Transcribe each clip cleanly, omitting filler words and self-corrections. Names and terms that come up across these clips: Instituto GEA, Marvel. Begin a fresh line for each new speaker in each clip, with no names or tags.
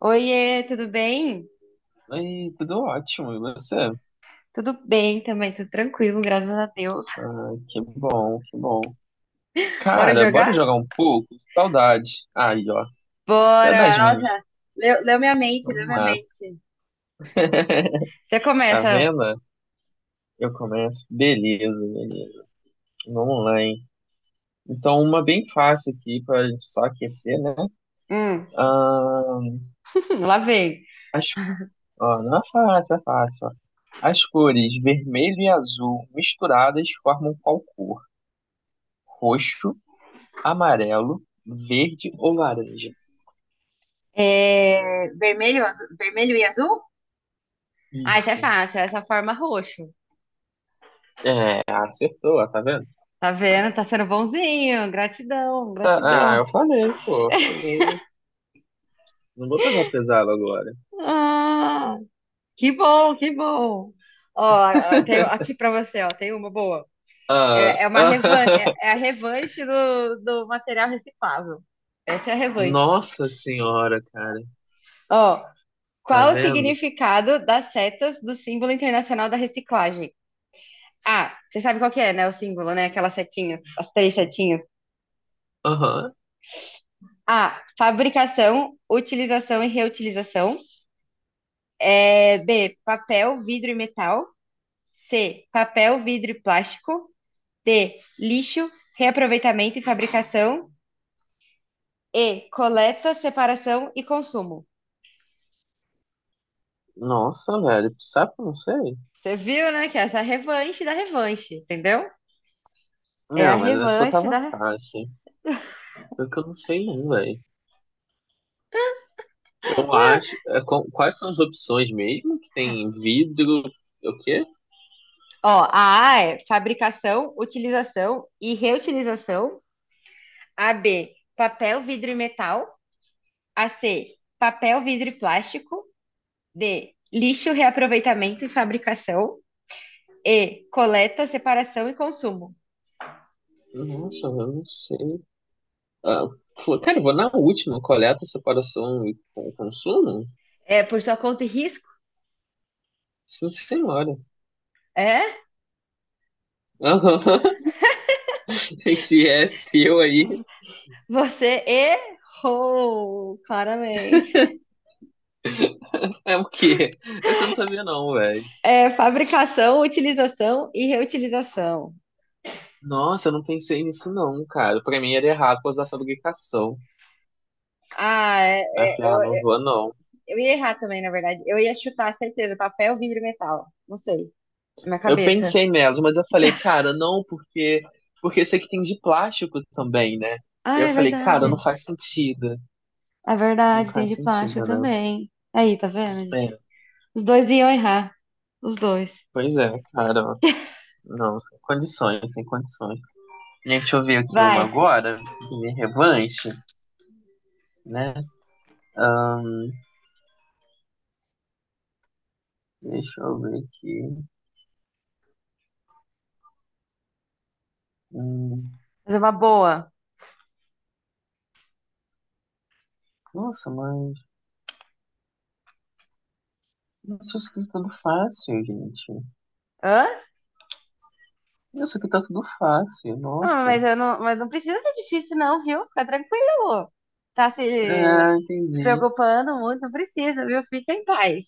Oiê, tudo bem?
Ei, tudo ótimo, e você?
Tudo bem também, tudo tranquilo, graças a Deus.
Ah, que bom, que bom.
Bora
Cara,
jogar?
bora jogar um pouco? Saudade. Aí, ó. Você é
Bora!
das minhas.
Nossa, leu minha mente, leu
Vamos
minha
lá.
mente. Você
Tá
começa.
vendo? Eu começo. Beleza, beleza. Vamos lá, hein? Então, uma bem fácil aqui pra gente só aquecer, né?
Hum.
Ah,
Lá vem.
as... ó, não é fácil, é fácil, ó. As cores vermelho e azul misturadas formam qual cor? Roxo, amarelo, verde ou laranja?
É, vermelho e azul? Ah, isso é
Isso.
fácil, é essa forma roxo.
É, acertou, ó, tá vendo?
Tá vendo? Tá sendo bonzinho. Gratidão,
Ah, ah,
gratidão.
eu falei, pô, eu falei. Não vou pegar pesado agora.
Ah, que bom, que bom. Ó, ó, tenho aqui pra você, ó, tem uma boa.
Ah,
É, é uma revan é,
ah,
é a revanche do material reciclável. Essa é a revanche.
nossa senhora, cara.
Ó,
Tá
qual o
vendo?
significado das setas do símbolo internacional da reciclagem? A. Você sabe qual que é, né? O símbolo, né? Aquelas setinhas, as três setinhas.
Aham.
A. Fabricação, utilização e reutilização. É, B. Papel, vidro e metal. C. Papel, vidro e plástico. D. Lixo, reaproveitamento e fabricação. E. Coleta, separação e consumo.
Nossa, velho. Sabe que eu não sei?
Você viu, né? Que essa é a revanche da revanche, entendeu? É a
Não, mas a sua
revanche
tava
da.
fácil. Só que eu não sei não, velho. Eu
Ué,
acho... é, quais são as opções mesmo? Que tem vidro... O quê?
ó, a A é fabricação, utilização e reutilização. A B, papel, vidro e metal. A C, papel, vidro e plástico. D, lixo, reaproveitamento e fabricação. E, coleta, separação e consumo.
Nossa, eu não sei. Ah, pô, cara, eu vou na última. Coleta, separação e consumo?
É por sua conta e risco?
Sim, senhora.
É?
Aham. Se é seu aí,
Você errou, claramente.
é o quê? Essa eu não sabia não, velho.
É fabricação, utilização e reutilização.
Nossa, eu não pensei nisso não, cara. Pra mim era errado por causa da fabricação.
Ah, é,
Aí eu falei,
é,
ah, não
eu,
vou não.
eu ia errar também, na verdade. Eu ia chutar, certeza, papel, vidro e metal. Não sei, na minha
Eu
cabeça.
pensei nelas, mas eu falei, cara, não, porque esse aqui tem de plástico também, né?
Ah,
E eu
é
falei, cara, não
verdade.
faz sentido.
É
Não
verdade, tem
faz
de plástico
sentido, né?
também. Aí, tá vendo,
É,
gente? Os dois iam errar. Os dois.
pois é, cara. Não, sem condições, sem condições. Gente, deixa eu ver aqui
Vai,
uma agora, de revanche, né? Deixa eu ver aqui. Hum,
fazer uma boa.
nossa, mas isso aqui tá tudo fácil, gente.
Hã?
Isso aqui tá tudo fácil,
Ah,
nossa.
mas não precisa ser difícil, não, viu? Fica tranquilo. Tá se,
É,
se
entendi.
preocupando muito, não precisa, viu? Fica em paz.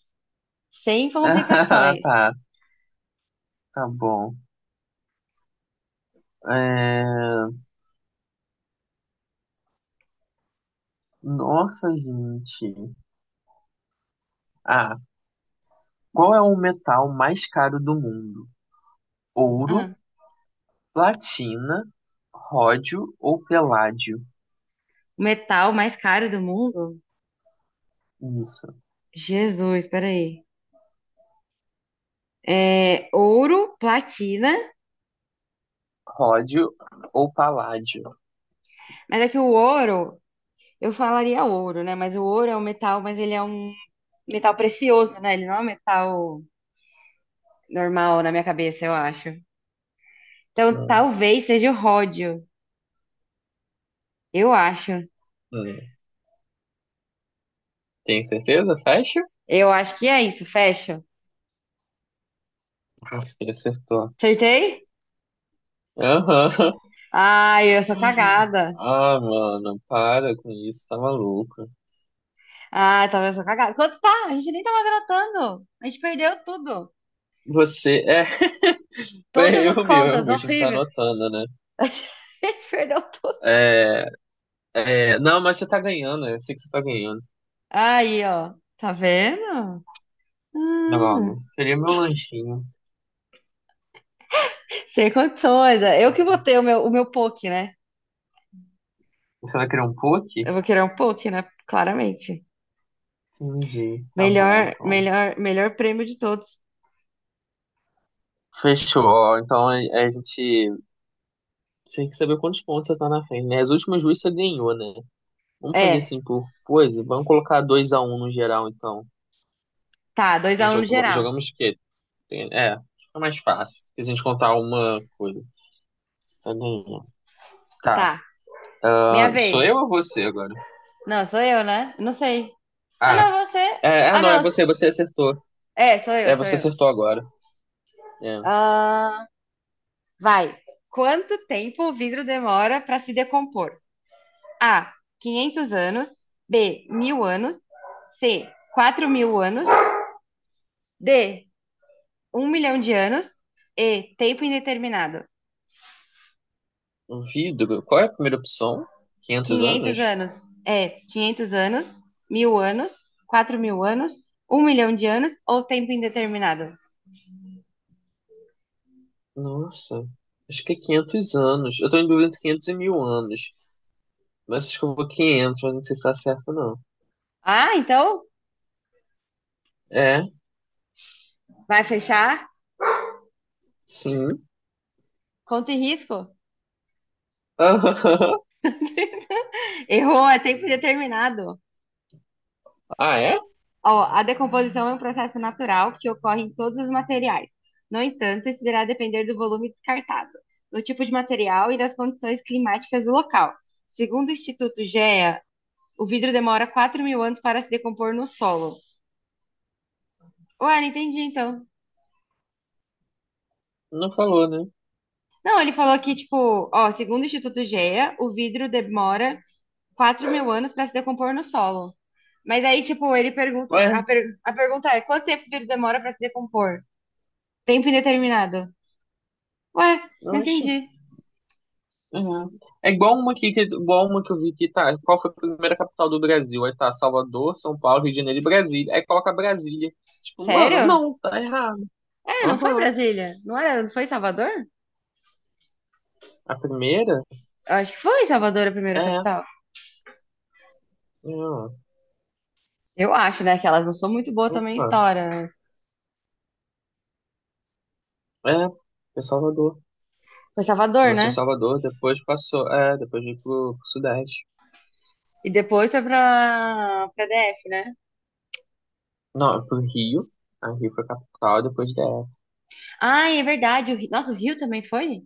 Sem
Ah,
complicações.
tá, tá bom. É, nossa, gente. Ah, qual é o metal mais caro do mundo? Ouro,
Ah,
platina, ródio ou peládio?
o metal mais caro do mundo?
Isso.
Jesus, peraí. É ouro, platina,
Ródio ou paládio?
mas é que o ouro, eu falaria ouro, né? Mas o ouro é um metal, mas ele é um metal precioso, né? Ele não é um metal normal na minha cabeça, eu acho. Então
Hum,
talvez seja o ródio, eu acho.
hum. Tem certeza? Fecha?
Eu acho que é isso, fecha.
Acho ele acertou.
Acertei?
Aham.
Ai, eu sou cagada.
Ah, mano, para com isso, tá maluco.
Ah, talvez eu sou cagada. Quanto tá? A gente nem tá mais anotando. A gente perdeu tudo.
Você é. Foi
Todas as
erro
contas,
meu, a gente tá
horrível.
anotando, né?
A gente perdeu tudo.
É, é, não, mas você tá ganhando, eu sei que você tá ganhando.
Aí, ó. Tá vendo? Hum,
Logo, queria meu lanchinho.
sem condições. É. Eu que vou ter o meu poke, né?
Você vai querer um poke?
Eu vou querer um poke, né? Claramente.
Entendi, tá bom,
Melhor,
então.
melhor, melhor prêmio de todos.
Fechou, ó, então a gente. Você tem que saber quantos pontos você tá na frente, né? As últimas duas você ganhou, né? Vamos fazer
É,
assim por coisa? Vamos colocar dois a um no geral, então.
tá, Dois
A
a
gente
um no geral.
jogamos o quê? É, fica mais fácil. Se a gente contar uma coisa. Tá, bom. Tá.
Tá, minha
Ah, sou
vez.
eu ou você agora?
Não, sou eu, né? Não sei. Ah,
Ah,
não, você.
é, ah,
Ah,
não, é
não.
você, você acertou.
É, sou eu,
É,
sou
você
eu.
acertou agora. É.
Ah, vai. Quanto tempo o vidro demora para se decompor? A. 500 anos. B. Mil anos. C. 4 mil anos. D. Um milhão de anos e tempo indeterminado.
Um vidro. Qual é a primeira opção? 500
Quinhentos
anos?
anos é 500 anos, mil anos, 4 mil anos, um milhão de anos ou tempo indeterminado.
Nossa, acho que é 500 anos. Eu tô em dúvida entre 500 e 1000 anos. Mas acho que eu vou 500. Mas não sei se tá certo, não.
Ah, então
É,
vai fechar?
sim.
Conta e risco. Errou, é tempo indeterminado.
Ah, é?
Ó, a decomposição é um processo natural que ocorre em todos os materiais. No entanto, isso irá depender do volume descartado, do tipo de material e das condições climáticas do local. Segundo o Instituto GEA, o vidro demora 4 mil anos para se decompor no solo. Ué, não entendi então.
Não falou, né?
Não, ele falou que, tipo, ó, segundo o Instituto GEA, o vidro demora 4 mil anos para se decompor no solo. Mas aí, tipo, ele pergunta,
Ué,
a pergunta é, quanto tempo o vidro demora para se decompor? Tempo indeterminado. Ué,
não,
não entendi.
oxi. Uhum. É igual uma aqui que, igual uma que eu vi que tá. Qual foi a primeira capital do Brasil? Aí tá Salvador, São Paulo, Rio de Janeiro e Brasília. Aí coloca Brasília. Tipo, mano,
Sério?
não, tá errado.
É, não foi
Aham.
Brasília? Não foi Salvador?
A primeira
Eu acho que foi Salvador a primeira
é.
capital.
Não,
Eu acho, né, que elas não são muito boas também em
Opa.
história, mas
É. Foi Salvador.
foi Salvador,
Começou em
né?
Salvador, depois passou. É, depois veio pro Sudeste.
E depois foi pra, DF, né?
Não, pro Rio. A Rio foi capital, depois DF.
Ah, é verdade. O Rio, nossa, o Rio também foi?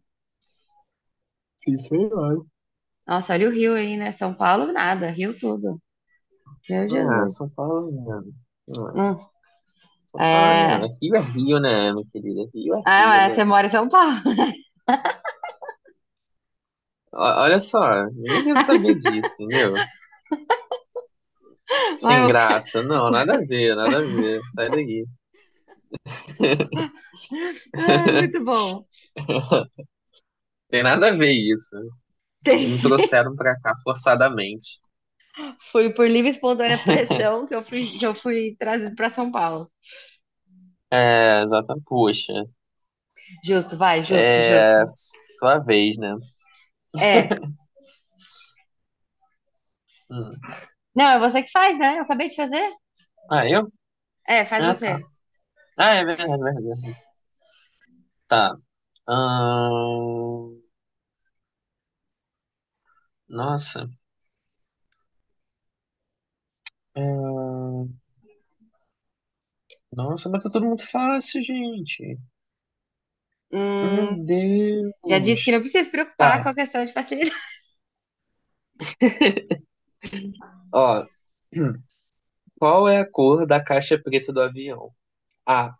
Sim, senhor.
Nossa, olha o Rio aí, né? São Paulo, nada. Rio tudo. Meu
Ah,
Jesus.
São Paulo, mano. Ah,
Hum.
São Paulo, mano.
É.
Rio é Rio, né, meu querido? Rio é
Ah, é,
Rio,
mas
né?
você mora em São Paulo.
Olha só, ninguém quer saber disso, entendeu?
Mas
Sem
eu-
graça, não, nada a ver, nada a ver, sai daí.
Ah, muito bom.
Tem nada a ver isso.
Tem-
Me trouxeram pra cá forçadamente.
Foi por livre e espontânea pressão que eu fui trazido pra São Paulo.
É, exatamente, poxa.
Justo, vai, justo, justo.
É, sua vez, né?
É.
Hum.
Não, é você que faz, né? Eu acabei de fazer.
Ah, eu?
É, faz
Ah, tá.
você.
Ah, é verdade, verdade. Verdade. Tá. Ahn, nossa. Ahn, nossa, mas tá tudo muito fácil, gente. Meu
Hum, já disse que
Deus.
não precisa se preocupar com
Tá.
a questão de facilidade.
Ó, qual é a cor da caixa preta do avião? A.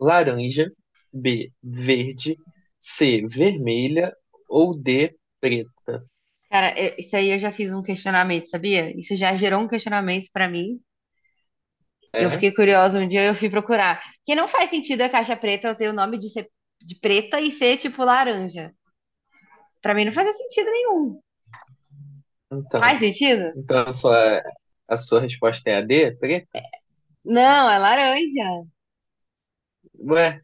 Laranja. B. Verde. C. Vermelha. Ou D. Preta.
Cara, isso aí eu já fiz um questionamento, sabia? Isso já gerou um questionamento pra mim. Eu
É?
fiquei curiosa um dia, eu fui procurar. Que não faz sentido a caixa preta eu ter o nome de ser de preta e ser tipo laranja. Pra mim não faz sentido nenhum. Faz
Então.
sentido?
Então a sua resposta é a D? Preta?
Não, é laranja.
Ué,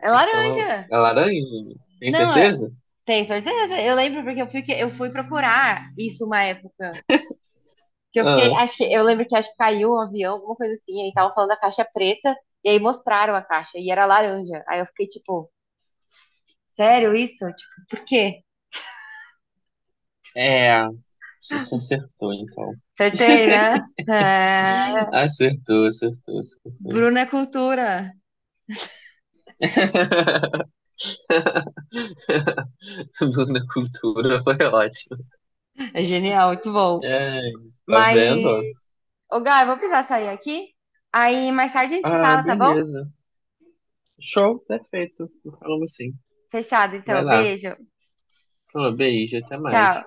É
então não,
laranja.
é laranja? Tem
Não,
certeza?
tem certeza? Eu lembro porque eu fui procurar isso uma época. Que eu fiquei,
Ah,
acho que eu lembro que acho que caiu um avião, alguma coisa assim, aí estavam falando da caixa preta e aí mostraram a caixa e era laranja. Aí eu fiquei tipo, sério isso? Tipo, por quê?
é. Você acertou, então.
Acertei, né? É,
Acertou, acertou, acertou.
Bruna é cultura.
Luna Cultura foi ótimo.
É genial, muito bom.
É, tá
Mas,
vendo? Ó?
ô Gá, eu vou precisar sair aqui. Aí mais tarde a gente se
Ah,
fala, tá bom?
beleza. Show, perfeito. Falamos sim.
Fechado, então.
Vai lá.
Beijo.
Falou, beijo, até mais.
Tchau.